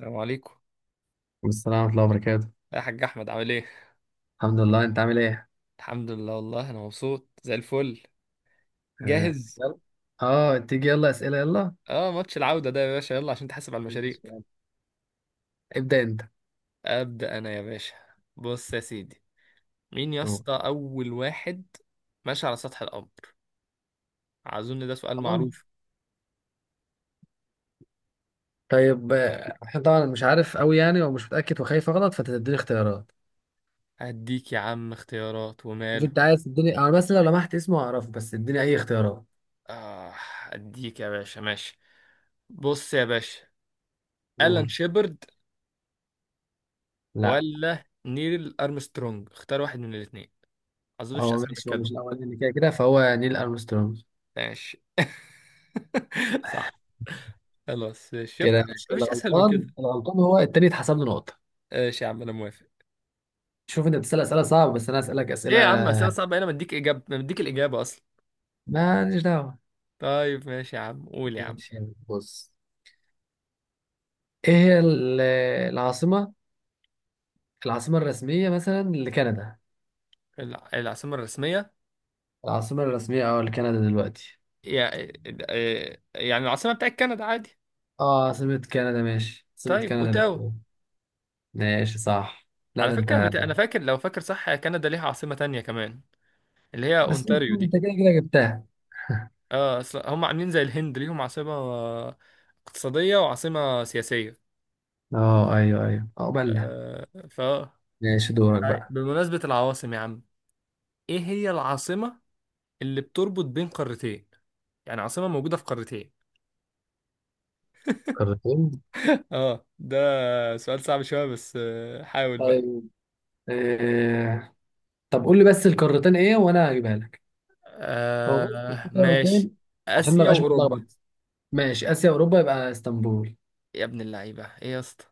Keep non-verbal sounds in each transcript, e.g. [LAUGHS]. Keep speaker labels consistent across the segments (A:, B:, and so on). A: السلام عليكم،
B: والسلام ورحمة الله وبركاته.
A: يا حاج احمد عامل ايه؟
B: الحمد لله، انت عامل ايه؟
A: الحمد لله، والله انا مبسوط زي الفل.
B: اه
A: جاهز.
B: يلا. اه تيجي يلا اسئلة يلا.
A: اه، ماتش العودة ده يا باشا، يلا عشان تحاسب على
B: إن
A: المشاريب.
B: شاء الله. ابدأ انت.
A: ابدا انا يا باشا. بص يا سيدي، مين يا
B: أهو.
A: اسطى اول واحد ماشي على سطح القمر؟ اظن ده سؤال
B: طبعا.
A: معروف.
B: طيب احنا طبعا مش عارف قوي يعني ومش متأكد وخايف اغلط فتديني اختيارات.
A: هديك يا عم اختيارات
B: شوف
A: وماله.
B: انت عايز تديني انا، بس لو لمحت اسمه هعرفه، بس اديني اي اختيارات.
A: اه، هديك يا باشا، ماشي. بص يا باشا، ألان
B: قول.
A: شيبرد
B: لا
A: ولا نيل أرمسترونج؟ اختار واحد من الاثنين، اظن مفيش
B: هو
A: اسهل من
B: ماشي، هو
A: كده.
B: مش الاولاني كده كده فهو نيل ارمسترونج.
A: ماشي. [LAUGHS] صح، خلاص شفت
B: كده
A: مفيش
B: ماشي،
A: مفيش اسهل من
B: الغلطان
A: كده.
B: الغلطان هو التاني اتحسب له نقطة.
A: ماشي يا عم، انا موافق.
B: شوف انت بتسأل اسئلة صعبة بس انا اسألك
A: ايه
B: اسئلة.
A: يا عم اسئله صعبه، انا مديك اجابه، مديك الاجابه اصلا.
B: ماليش دعوة.
A: طيب ماشي يا عم، قول يا عم.
B: ماشي. بص، ايه هي العاصمة، العاصمة الرسمية مثلا لكندا؟
A: العاصمه الرسميه.
B: العاصمة الرسمية اه لكندا دلوقتي.
A: يعني العاصمه بتاعت كندا، عادي.
B: اه عاصمة كندا، ماشي عاصمة
A: طيب،
B: كندا
A: اوتاوا.
B: لوكو. ماشي صح. لا
A: على
B: ده انت.
A: فكره انا فاكر، لو فاكر صح، كندا ليها عاصمه تانية كمان، اللي هي
B: بس
A: اونتاريو
B: انت
A: دي.
B: كده كده جبتها.
A: اه اصل هم عاملين زي الهند، ليهم عاصمه اقتصاديه، وعاصمه سياسيه
B: [LAUGHS] اه ايوه ايوه، عقبالنا.
A: آه، فا
B: ماشي دورك
A: طيب،
B: بقى.
A: بمناسبه العواصم يا عم، ايه هي العاصمة اللي بتربط بين قارتين؟ يعني عاصمة موجودة في قارتين.
B: قارتين؟
A: اه ده سؤال صعب شوية بس حاول بقى.
B: طيب آه. طب قول لي بس القارتين ايه وانا هجيبها لك. هو بس في
A: آه، ماشي.
B: قارتين؟ عشان ما
A: آسيا
B: بقاش
A: وأوروبا.
B: متلخبط. ماشي، اسيا اوروبا، يبقى اسطنبول.
A: يا ابن اللعيبة، ايه يا اسطى؟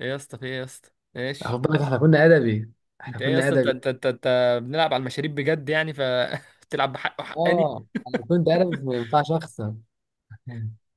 A: ايه يا اسطى؟ في ايه يا اسطى؟ ماشي.
B: خد بالك احنا كنا ادبي، احنا
A: انت ايه يا
B: كنا
A: اسطى؟ انت
B: ادبي.
A: انت انت انت بنلعب على المشاريب بجد يعني [LAUGHS] بتلعب بحق وحقاني.
B: اه انا كنت عارف ما ينفعش اخسر.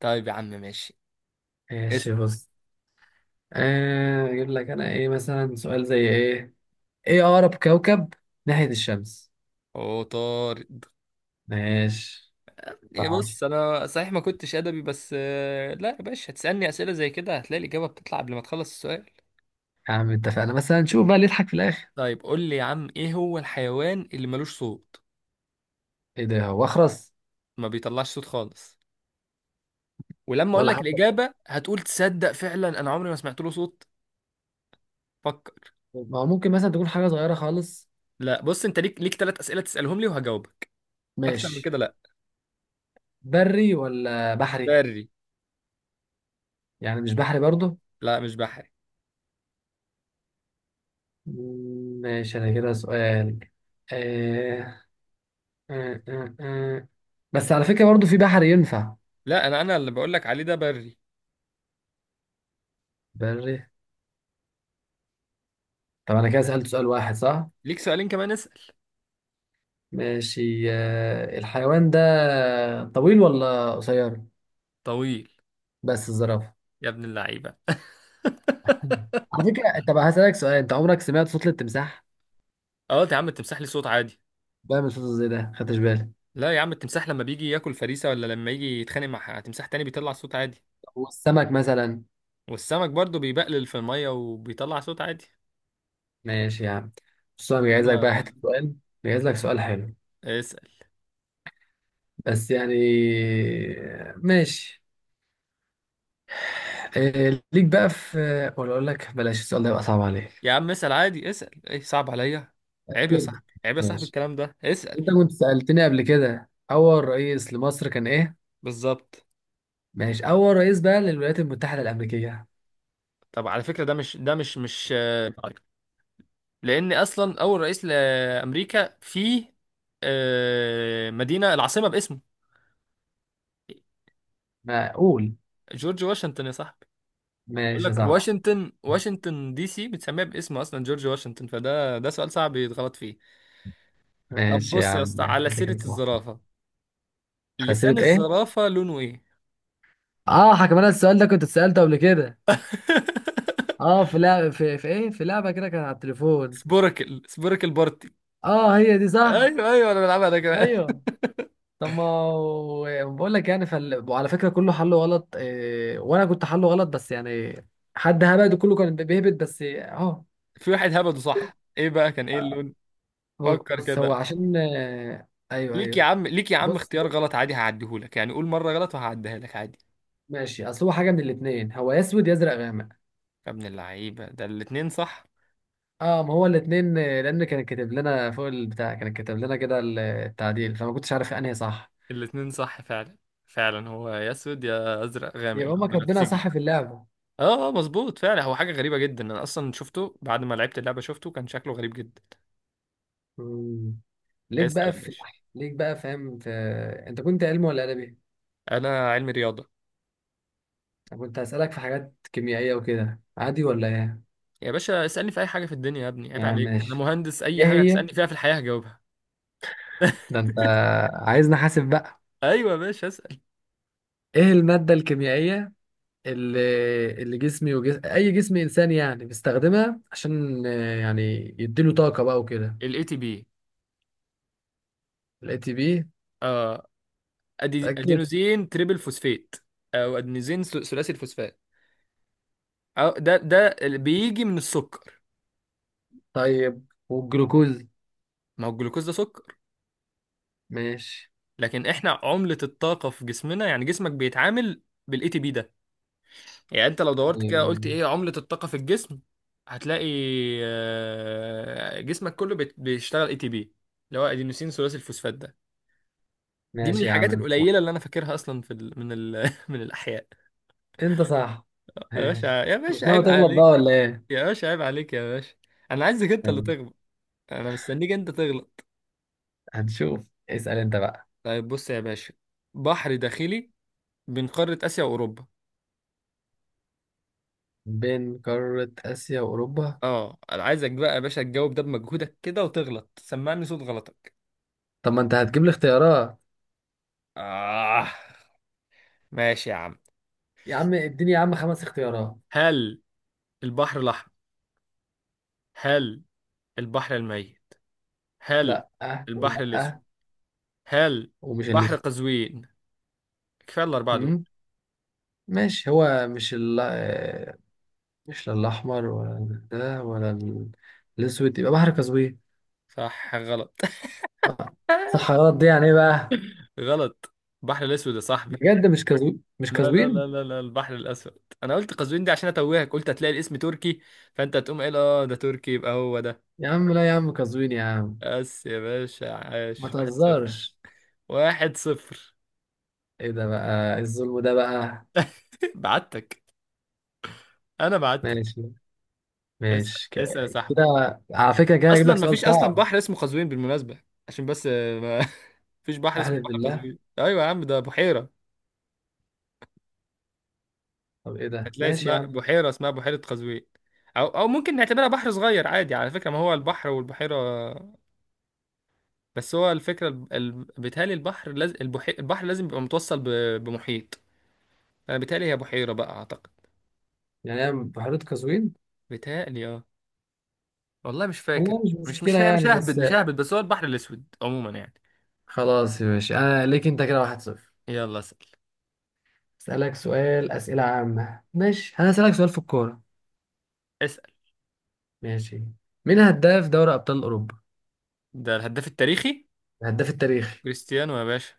A: طيب يا عم، ماشي.
B: ماشي.
A: اسأل.
B: بص، اجيب لك انا ايه مثلا؟ سؤال زي ايه؟ ايه اقرب كوكب ناحية الشمس؟
A: اوه، طارد.
B: ماشي
A: إيه،
B: صح.
A: بص، انا صحيح ما كنتش ادبي، بس لا يا باشا، هتسألني اسئلة زي كده هتلاقي الإجابة بتطلع قبل ما تخلص السؤال.
B: يا عم اتفقنا، مثلا نشوف بقى اللي يضحك في الاخر.
A: طيب قول لي يا عم، ايه هو الحيوان اللي ملوش صوت؟
B: ايه ده؟ هو اخرس؟
A: ما بيطلعش صوت خالص، ولما اقول
B: ولا
A: لك
B: حتى.
A: الاجابه هتقول تصدق فعلا انا عمري ما سمعت له صوت. فكر.
B: ما هو ممكن مثلا تكون حاجة صغيرة خالص.
A: لا، بص انت ليك ثلاث اسئله تسالهم لي وهجاوبك، اكتر من
B: ماشي.
A: كده لا.
B: بري ولا بحري؟
A: بري.
B: يعني مش بحري برضه؟
A: لا مش بحري.
B: ماشي انا كده سؤال. آه آه آه آه. بس على فكرة برضه في بحر ينفع.
A: لا انا اللي بقول لك عليه ده بري.
B: بري. طب انا كده سألت سؤال واحد صح؟
A: ليك سؤالين كمان، اسال.
B: ماشي. الحيوان ده طويل ولا قصير؟
A: طويل.
B: بس الزرافة.
A: يا ابن اللعيبه، [LAUGHS]
B: على فكرة، طب هسألك سؤال، انت عمرك سمعت صوت التمساح؟
A: اه يا عم التمساح ليه صوت عادي.
B: بعمل صوت زي ده، خدتش بالك؟
A: لا يا عم، التمساح لما بيجي ياكل فريسه، ولا لما يجي يتخانق مع تمساح تاني، بيطلع صوت عادي.
B: والسمك مثلا؟
A: والسمك برضه بيبقلل في الميه وبيطلع صوت عادي.
B: ماشي يا عم. بص انا جايز لك بقى حتة
A: انما.
B: سؤال، جايز لك سؤال حلو.
A: اسال
B: بس يعني. ماشي. ليك بقى في. ولا اقول لك بلاش السؤال ده، يبقى صعب
A: يا
B: عليك.
A: عم، اسال عادي، اسال. ايه صعب عليا؟ عيب يا
B: أكيد.
A: صاحبي، عيب يا صاحبي،
B: ماشي.
A: الكلام ده اسال.
B: انت كنت سألتني قبل كده، اول رئيس لمصر كان ايه.
A: بالظبط.
B: ماشي. أول رئيس بقى للولايات المتحدة الأمريكية؟
A: طب على فكره ده مش ده مش مش آه، لان اصلا اول رئيس لامريكا في مدينه العاصمه باسمه
B: معقول.
A: جورج واشنطن يا صاحبي. بقول
B: ماشي يا
A: لك
B: صاحبي.
A: واشنطن، واشنطن دي سي، بتسميها باسمه اصلا جورج واشنطن، فده سؤال صعب يتغلط فيه. طب
B: ماشي يا
A: بص يا
B: عم،
A: اسطى،
B: ماشي.
A: على
B: أنت كده
A: سيره
B: صح.
A: الزرافه،
B: على
A: لسان
B: سيرة إيه؟
A: الزرافه لونه ايه؟
B: آه حكم، أنا السؤال ده كنت اتسألته قبل كده.
A: [LAUGHS]
B: آه، في لعبة، في إيه؟ في لعبة كده كانت على التليفون.
A: سبوركل بارتي.
B: آه هي دي صح؟
A: ايوه، ايوه، انا بلعبها ده كمان.
B: أيوه. طب ما هو- بقول لك يعني وعلى فكرة كله حله غلط. إيه... وأنا كنت حله غلط، بس يعني حد هبد وكله كان بيهبد، بس أهو.
A: [LAUGHS] في واحد هبده صح. ايه بقى كان ايه اللون؟ فكر
B: بص هو
A: كده.
B: عشان أيوه
A: ليك يا
B: أيوه.
A: عم، ليك يا عم
B: بص
A: اختيار غلط عادي هعديهولك، يعني قول مره غلط وهعديها لك عادي.
B: ماشي، اصل هو حاجه من الاثنين، هو يا اسود يا ازرق غامق.
A: يا ابن اللعيبه، ده الاتنين صح.
B: اه ما هو الاثنين، لان كان كاتب لنا فوق البتاع، كان كاتب لنا كده التعديل، فما كنتش عارف انهي صح.
A: الاتنين صح فعلا، فعلا هو يا اسود يا ازرق غامق، اللي
B: يبقى
A: هو
B: هما كاتبينها
A: بنفسجي.
B: صح في اللعبه.
A: اه، مظبوط فعلا. هو حاجه غريبه جدا، انا اصلا شفته بعد ما لعبت اللعبه شفته كان شكله غريب جدا.
B: مم. ليك
A: اسال
B: بقى
A: يا
B: في.
A: باشا.
B: ليك بقى فاهم في... انت كنت علمي ولا ادبي؟
A: انا علمي رياضه.
B: انا كنت هسالك في حاجات كيميائيه وكده، عادي ولا ايه؟
A: يا باشا اسالني في اي حاجه في الدنيا، يا ابني عيب
B: يعني
A: عليك، انا
B: ماشي.
A: مهندس اي
B: ايه
A: حاجه
B: هي.
A: تسالني فيها في الحياه هجاوبها.
B: ده
A: [LAUGHS]
B: انت، عايزني احاسب بقى.
A: ايوه يا باشا، اسال.
B: ايه الماده الكيميائيه اللي، اي جسم انساني يعني بيستخدمها عشان يعني يديله طاقه بقى وكده؟
A: الاي تي بي.
B: الاي تي بي.
A: اه.
B: اتاكد.
A: ادينوزين تريبل فوسفات، او ادينوزين ثلاثي الفوسفات. أو ده اللي بيجي من السكر.
B: طيب والجلوكوز؟
A: ما هو الجلوكوز ده سكر.
B: ماشي.
A: لكن احنا عملة الطاقة في جسمنا، يعني جسمك بيتعامل بالاي تي بي ده. يعني انت لو دورت
B: طيب
A: كده قلت ايه عملة الطاقة في الجسم، هتلاقي جسمك كله بيشتغل اي تي بي، اللي هو ادينوسين ثلاثي الفوسفات ده. دي من
B: ماشي يا عم
A: الحاجات
B: انت
A: القليلة
B: صح.
A: اللي انا فاكرها اصلا في ال... من ال... [LAUGHS] من الاحياء.
B: انت صح.
A: يا باشا،
B: ماشي.
A: يا باشا
B: مش ناوي
A: عيب
B: تغلط بقى
A: عليك.
B: ولا ايه؟
A: يا باشا، عيب عليك يا باشا. انا عايزك انت اللي
B: ماشي.
A: تغلط. انا مستنيك انت تغلط.
B: هنشوف. اسال انت بقى.
A: طيب بص يا باشا، بحر داخلي بين قارة اسيا واوروبا.
B: بين قاره اسيا واوروبا.
A: اه، انا عايزك بقى يا باشا تجاوب ده بمجهودك كده وتغلط، سمعني صوت غلطك.
B: طب ما انت هتجيب لي اختيارات.
A: اه، ماشي يا عم.
B: يا عم اديني يا عم خمس اختيارات.
A: هل البحر الاحمر؟ هل البحر الميت؟ هل
B: لا أه،
A: البحر
B: ولا
A: الاسود؟
B: أه.
A: هل
B: ومش اللي.
A: بحر قزوين؟ كفايه الاربعه دول.
B: أمم. ماشي، هو مش ال، مش لا الأحمر ولا ده ولا الأسود، يبقى بحر قزوين.
A: صح غلط.
B: لا،
A: [LAUGHS]
B: الصحراء دي يعني إيه بقى.
A: غلط، البحر الاسود يا صاحبي.
B: بجد مش كازوين؟ مش
A: لا، لا،
B: كازوين
A: لا، لا، لا، البحر الأسود. أنا قلت قزوين دي عشان أتوهك، قلت هتلاقي الاسم تركي فأنت هتقوم قايل أه ده تركي يبقى هو ده.
B: يا عم؟ لا يا عم كازوين يا عم.
A: بس يا باشا،
B: ما
A: عاش، واحد صفر.
B: تهزرش.
A: واحد صفر.
B: ايه ده بقى، إيه الظلم ده بقى.
A: [LAUGHS] بعتك. أنا بعتك.
B: ماشي.
A: اسأل،
B: ماشي ك-
A: اسأل يا صاحبي.
B: كده على فكرة كده هجيب
A: أصلا
B: لك سؤال
A: مفيش، أصلا
B: صعب.
A: بحر اسمه قزوين بالمناسبة، عشان بس ما [LAUGHS] مفيش بحر اسمه
B: أحلف
A: بحر
B: بالله.
A: قزوين. أيوة يا عم، ده بحيرة.
B: طب ايه ده،
A: هتلاقي
B: ماشي يا عم.
A: اسمها بحيرة قزوين. أو ممكن نعتبرها بحر صغير عادي، على فكرة ما هو البحر والبحيرة. بس هو الفكرة بيتهيألي البحر لازم البحر لازم يبقى متوصل بمحيط. انا بيتهيألي هي بحيرة بقى، اعتقد.
B: يعني أنا بحيرة كازوين.
A: بيتهيألي اه، والله مش فاكر.
B: والله مش
A: مش
B: مشكلة
A: مش مش
B: يعني،
A: ههبد،
B: بس.
A: مش ههبد، بس هو البحر الاسود عموما يعني.
B: خلاص يا باشا، أنا ليك أنت كده واحد صفر.
A: يلا اسأل.
B: أسألك سؤال، أسئلة عامة، ماشي أنا أسألك سؤال في الكورة.
A: اسأل.
B: ماشي. مين هداف دوري ابطال اوروبا؟
A: ده الهداف التاريخي.
B: الهداف التاريخي.
A: كريستيانو يا باشا.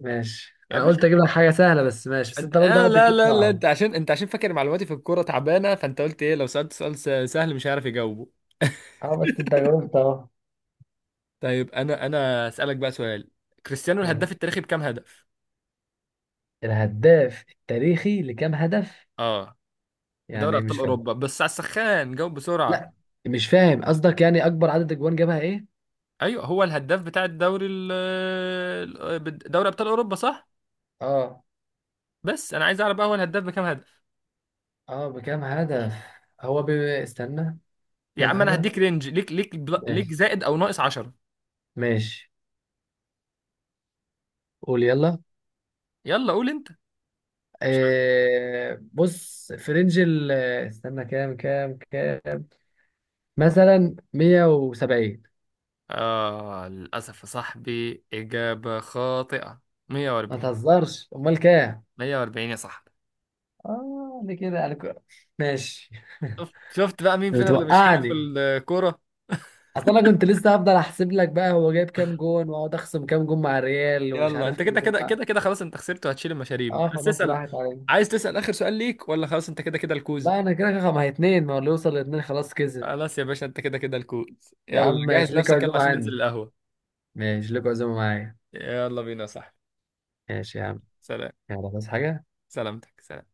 B: ماشي،
A: يا
B: انا
A: باشا،
B: قلت اجيب لك حاجه سهله، بس ماشي، بس انت برضه
A: آه،
B: قاعد
A: لا،
B: بتجيب
A: لا، لا،
B: صعب.
A: انت عشان فاكر معلوماتي في الكورة تعبانة، فانت قلت ايه لو سألت سؤال سهل مش هيعرف يجاوبه.
B: اه بس انت جاوبت اهو.
A: طيب، انا اسألك بقى سؤال. كريستيانو،
B: يعني
A: الهداف التاريخي، بكام هدف؟
B: الهداف التاريخي لكام هدف؟
A: اه. في دوري
B: يعني إيه؟
A: ابطال
B: مش فاهم.
A: اوروبا، بس على السخان جاوب بسرعه.
B: لا مش فاهم قصدك، يعني اكبر عدد اجوان جابها ايه؟
A: ايوه، هو الهداف بتاع الدوري دوري ابطال اوروبا، صح.
B: اه.
A: بس انا عايز اعرف بقى هو الهداف بكام هدف.
B: اه بكام هدف. استنى.
A: يا
B: كام
A: عم انا
B: هدف؟
A: هديك رينج ليك
B: ماشي.
A: زائد او ناقص 10.
B: ماشي. قول يلا.
A: يلا قول انت.
B: آه بص، في رينج ال، استنى. كام مثلا، 170؟
A: اه، للاسف يا صاحبي، اجابه خاطئه.
B: ما
A: 140.
B: تهزرش، امال كام؟
A: 140 يا صاحبي.
B: اه دي كده انا ك-، ماشي.
A: شفت، شفت بقى مين
B: [LAUGHS]
A: فينا اللي مش حلو في
B: بتوقعني.
A: الكوره؟
B: اصل انا كنت لسه هفضل احسب لك بقى، هو جايب كام جون واقعد اخصم كام جون مع الريال، ومش
A: يلا
B: عارف
A: انت
B: كام
A: كده
B: جون
A: كده
B: مع.
A: كده كده خلاص، انت خسرت وهتشيل المشاريب.
B: اه
A: بس
B: خلاص
A: اسال.
B: راحت عليا.
A: عايز تسال اخر سؤال ليك ولا خلاص انت كده كده الكوز؟
B: لا انا كده كده، ما هي اتنين، ما هو اللي يوصل لاتنين خلاص كسب.
A: خلاص يا باشا، انت كده كده الكود.
B: يا
A: يلا
B: عم
A: جهز
B: ماشي، ليك
A: نفسك، يلا
B: عزومه
A: عشان ننزل
B: عني.
A: القهوة.
B: ماشي ليك عزومه معايا.
A: يلا بينا يا صاحبي.
B: ماشي يا عم.
A: سلام.
B: يلا بس حاجه.
A: سلامتك. سلام.